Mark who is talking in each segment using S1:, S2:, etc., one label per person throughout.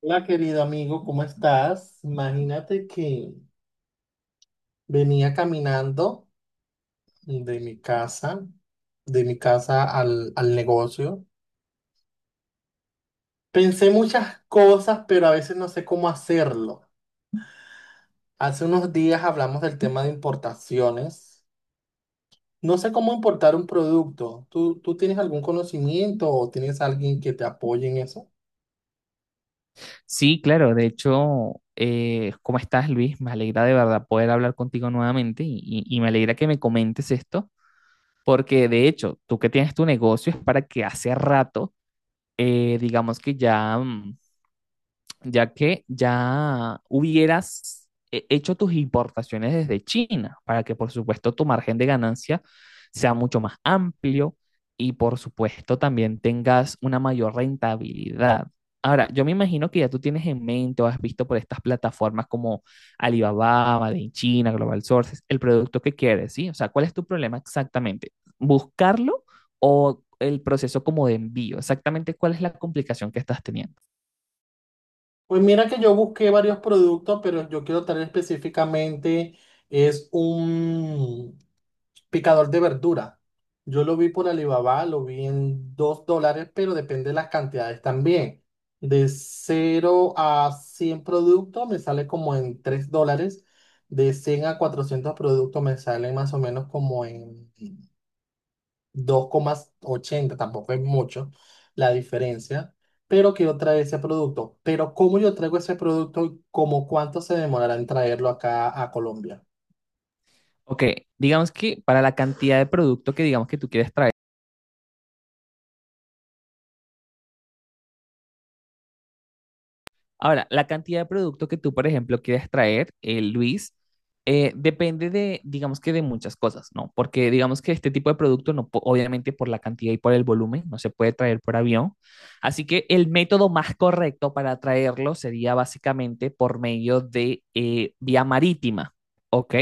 S1: Hola, querido amigo, ¿cómo estás? Imagínate que venía caminando de mi casa, al negocio. Pensé muchas cosas, pero a veces no sé cómo hacerlo. Hace unos días hablamos del tema de importaciones. No sé cómo importar un producto. ¿Tú tienes algún conocimiento o tienes alguien que te apoye en eso?
S2: Sí, claro. De hecho, ¿cómo estás, Luis? Me alegra de verdad poder hablar contigo nuevamente y me alegra que me comentes esto, porque de hecho, tú que tienes tu negocio es para que hace rato, digamos que ya, ya que ya hubieras hecho tus importaciones desde China, para que por supuesto tu margen de ganancia sea mucho más amplio y por supuesto también tengas una mayor rentabilidad. Ahora, yo me imagino que ya tú tienes en mente o has visto por estas plataformas como Alibaba, Made in China, Global Sources, el producto que quieres, ¿sí? O sea, ¿cuál es tu problema exactamente? ¿Buscarlo o el proceso como de envío? Exactamente, ¿cuál es la complicación que estás teniendo?
S1: Pues mira que yo busqué varios productos, pero yo quiero traer específicamente es un picador de verdura. Yo lo vi por Alibaba, lo vi en $2, pero depende de las cantidades también. De 0 a 100 productos me sale como en $3. De 100 a 400 productos me salen más o menos como en 2,80. Tampoco es mucho la diferencia. Pero quiero traer ese producto. Pero ¿cómo yo traigo ese producto y cómo cuánto se demorará en traerlo acá a Colombia?
S2: Ok, digamos que para la cantidad de producto que digamos que tú quieres traer. Ahora, la cantidad de producto que tú, por ejemplo, quieres traer, Luis, depende de, digamos que de muchas cosas, ¿no? Porque digamos que este tipo de producto, no, obviamente por la cantidad y por el volumen, no se puede traer por avión. Así que el método más correcto para traerlo sería básicamente por medio de vía marítima, ¿ok?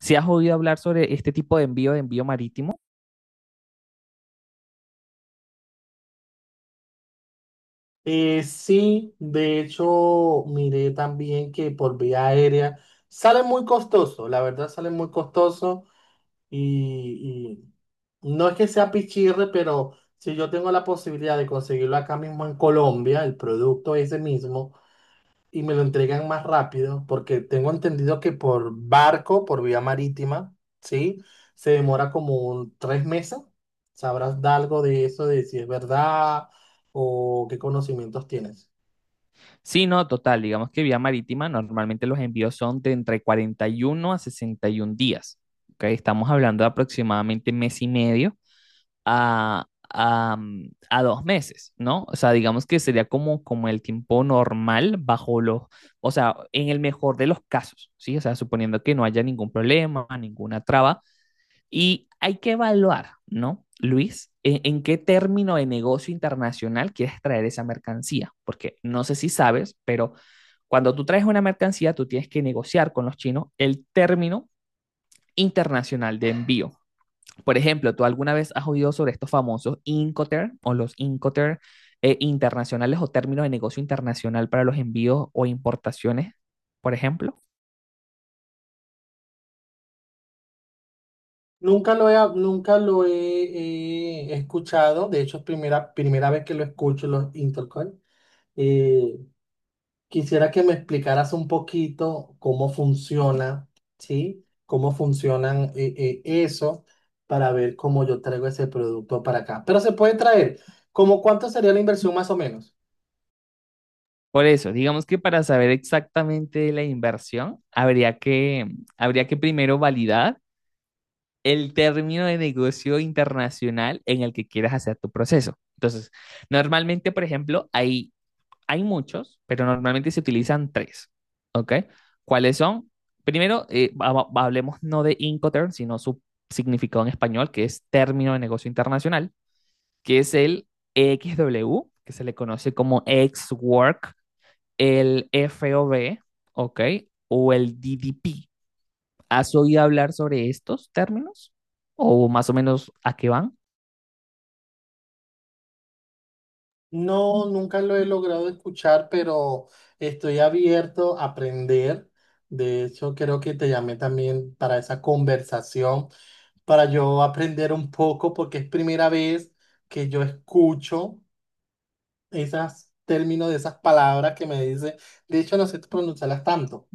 S2: ¿Si has oído hablar sobre este tipo de envío marítimo?
S1: Sí, de hecho, miré también que por vía aérea sale muy costoso, la verdad sale muy costoso y, y no es que sea pichirre, pero si yo tengo la posibilidad de conseguirlo acá mismo en Colombia, el producto ese mismo, y me lo entregan más rápido, porque tengo entendido que por barco, por vía marítima, ¿sí? Se demora como 3 meses. ¿Sabrás de algo de eso, de si es verdad o qué conocimientos tienes?
S2: Sí, no, total. Digamos que vía marítima, normalmente los envíos son de entre 41 a 61 días. ¿Ok? Estamos hablando de aproximadamente mes y medio a, a 2 meses, ¿no? O sea, digamos que sería como, como el tiempo normal bajo los, o sea, en el mejor de los casos, ¿sí? O sea, suponiendo que no haya ningún problema, ninguna traba, y hay que evaluar, ¿no, Luis? En qué término de negocio internacional quieres traer esa mercancía, porque no sé si sabes, pero cuando tú traes una mercancía, tú tienes que negociar con los chinos el término internacional de envío. Por ejemplo, ¿tú alguna vez has oído sobre estos famosos Incoterm o los Incoterm internacionales o términos de negocio internacional para los envíos o importaciones, por ejemplo?
S1: Nunca lo he, escuchado. De hecho es primera vez que lo escucho, los Intercoin. Eh, quisiera que me explicaras un poquito cómo funciona, ¿sí? Cómo funcionan eso para ver cómo yo traigo ese producto para acá. Pero se puede traer, ¿cómo cuánto sería la inversión más o menos?
S2: Por eso, digamos que para saber exactamente de la inversión, habría que primero validar el término de negocio internacional en el que quieras hacer tu proceso. Entonces, normalmente, por ejemplo, hay muchos, pero normalmente se utilizan tres, ¿ok? ¿Cuáles son? Primero, hablemos no de Incoterm, sino su significado en español, que es término de negocio internacional, que es el EXW, que se le conoce como ex-work, el FOB, ¿ok? O el DDP. ¿Has oído hablar sobre estos términos? ¿O más o menos a qué van?
S1: No, nunca lo he logrado escuchar, pero estoy abierto a aprender. De hecho, creo que te llamé también para esa conversación para yo aprender un poco, porque es primera vez que yo escucho esos términos de esas palabras que me dice. De hecho, no sé pronunciarlas tanto.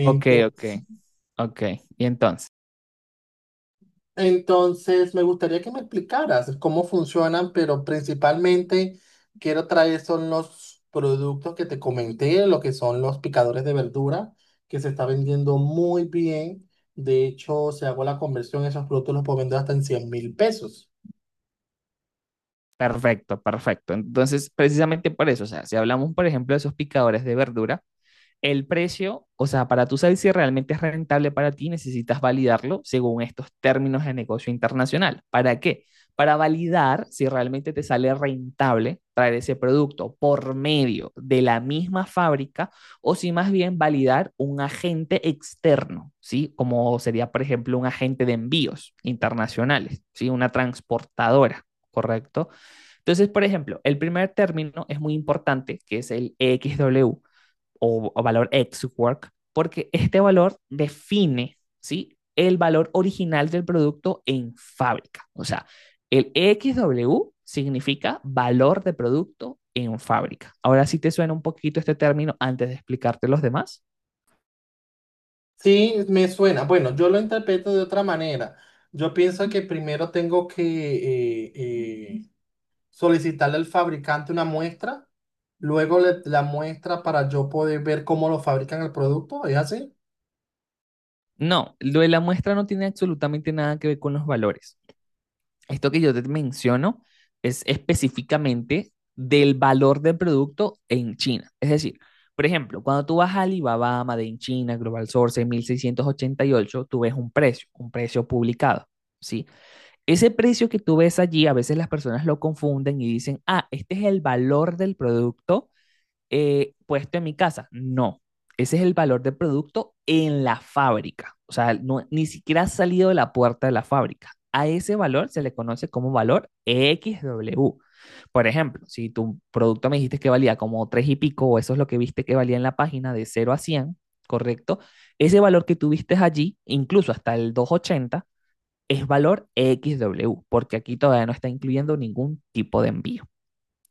S2: Ok, ok, ok. Y entonces,
S1: entonces, me gustaría que me explicaras cómo funcionan, pero principalmente quiero traer son los productos que te comenté, lo que son los picadores de verdura, que se está vendiendo muy bien. De hecho, si hago la conversión, esos productos los puedo vender hasta en 100.000 pesos.
S2: perfecto, perfecto. Entonces, precisamente por eso, o sea, si hablamos, por ejemplo, de esos picadores de verdura, el precio, o sea, para tú saber si realmente es rentable para ti, necesitas validarlo según estos términos de negocio internacional. ¿Para qué? Para validar si realmente te sale rentable traer ese producto por medio de la misma fábrica o si más bien validar un agente externo, ¿sí? Como sería, por ejemplo, un agente de envíos internacionales, ¿sí? Una transportadora. ¿Correcto? Entonces, por ejemplo, el primer término es muy importante, que es el XW, o valor ex work, porque este valor define, ¿sí? El valor original del producto en fábrica. O sea, el XW significa valor de producto en fábrica. Ahora sí te suena un poquito este término antes de explicarte los demás.
S1: Sí, me suena. Bueno, yo lo interpreto de otra manera. Yo pienso que primero tengo que eh, solicitarle al fabricante una muestra, luego la muestra para yo poder ver cómo lo fabrican el producto, ¿es así?
S2: No, lo de la muestra no tiene absolutamente nada que ver con los valores. Esto que yo te menciono es específicamente del valor del producto en China. Es decir, por ejemplo, cuando tú vas a Alibaba, Made in China, Global Source, 1688, tú ves un precio publicado, ¿sí? Ese precio que tú ves allí, a veces las personas lo confunden y dicen, ah, este es el valor del producto puesto en mi casa. No, ese es el valor del producto en la fábrica. O sea, no, ni siquiera ha salido de la puerta de la fábrica. A ese valor se le conoce como valor XW. Por ejemplo, si tu producto me dijiste que valía como 3 y pico, o eso es lo que viste que valía en la página de cero a 100, ¿correcto? Ese valor que tuviste allí, incluso hasta el 280, es valor XW, porque aquí todavía no está incluyendo ningún tipo de envío,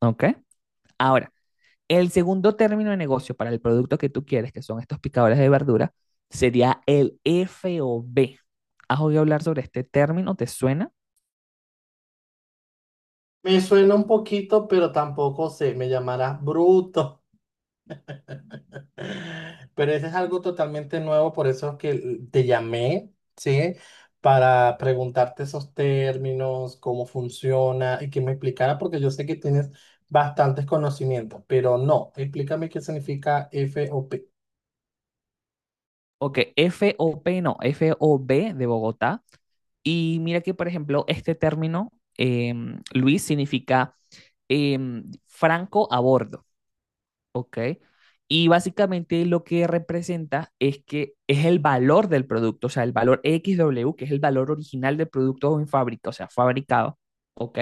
S2: ¿ok? Ahora, el segundo término de negocio para el producto que tú quieres, que son estos picadores de verdura, sería el FOB. ¿Has oído hablar sobre este término? ¿Te suena?
S1: Me suena un poquito, pero tampoco sé, me llamarás bruto. Pero ese es algo totalmente nuevo, por eso es que te llamé, ¿sí? Para preguntarte esos términos, cómo funciona y que me explicara, porque yo sé que tienes bastantes conocimientos, pero no, explícame qué significa FOP.
S2: Ok, FOP no, FOB de Bogotá. Y mira que, por ejemplo, este término, Luis, significa franco a bordo. Ok. Y básicamente lo que representa es que es el valor del producto, o sea, el valor XW, que es el valor original del producto en fábrica, o sea, fabricado, ¿ok?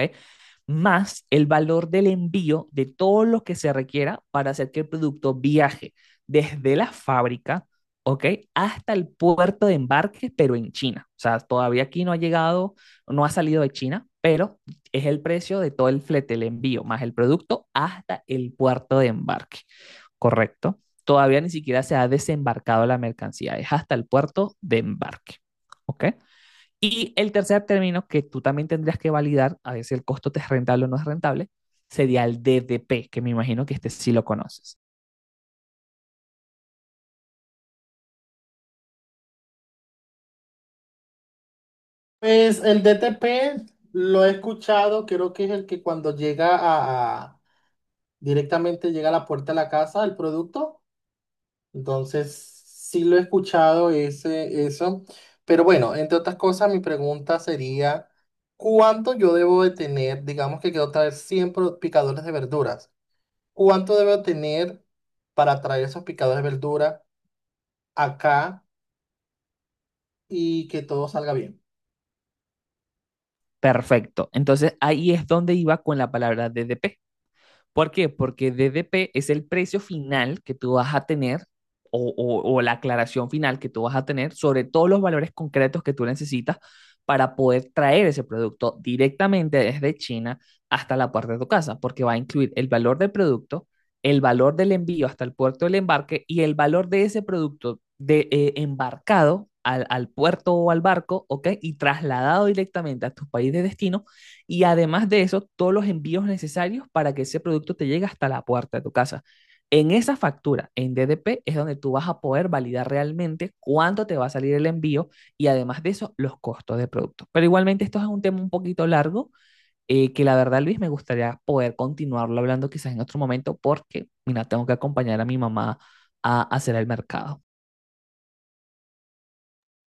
S2: Más el valor del envío de todo lo que se requiera para hacer que el producto viaje desde la fábrica, ¿ok? Hasta el puerto de embarque, pero en China. O sea, todavía aquí no ha llegado, no ha salido de China, pero es el precio de todo el flete, el envío, más el producto hasta el puerto de embarque correcto, todavía ni siquiera se ha desembarcado la mercancía, es hasta el puerto de embarque, ¿ok? Y el tercer término que tú también tendrías que validar, a ver si el costo te es rentable o no es rentable, sería el DDP, que me imagino que este sí lo conoces.
S1: Pues el DTP lo he escuchado, creo que es el que cuando llega a, directamente llega a la puerta de la casa, el producto. Entonces, sí lo he escuchado ese, eso, pero bueno, entre otras cosas, mi pregunta sería, ¿cuánto yo debo de tener? Digamos que quiero traer 100 picadores de verduras. ¿Cuánto debo tener para traer esos picadores de verdura acá y que todo salga bien?
S2: Perfecto. Entonces ahí es donde iba con la palabra DDP. ¿Por qué? Porque DDP es el precio final que tú vas a tener o la aclaración final que tú vas a tener sobre todos los valores concretos que tú necesitas para poder traer ese producto directamente desde China hasta la puerta de tu casa, porque va a incluir el valor del producto, el valor del envío hasta el puerto del embarque y el valor de ese producto de, embarcado al puerto o al barco, ¿ok? Y trasladado directamente a tu país de destino y además de eso, todos los envíos necesarios para que ese producto te llegue hasta la puerta de tu casa. En esa factura, en DDP, es donde tú vas a poder validar realmente cuánto te va a salir el envío y además de eso, los costos de producto. Pero igualmente esto es un tema un poquito largo que la verdad, Luis, me gustaría poder continuarlo hablando quizás en otro momento porque, mira, tengo que acompañar a mi mamá a hacer el mercado.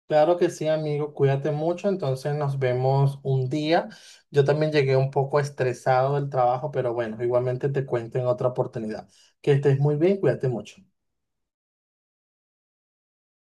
S1: Claro que sí, amigo, cuídate mucho, entonces nos vemos un día. Yo también llegué un poco estresado del trabajo, pero bueno, igualmente te cuento en otra oportunidad. Que estés muy bien, cuídate mucho.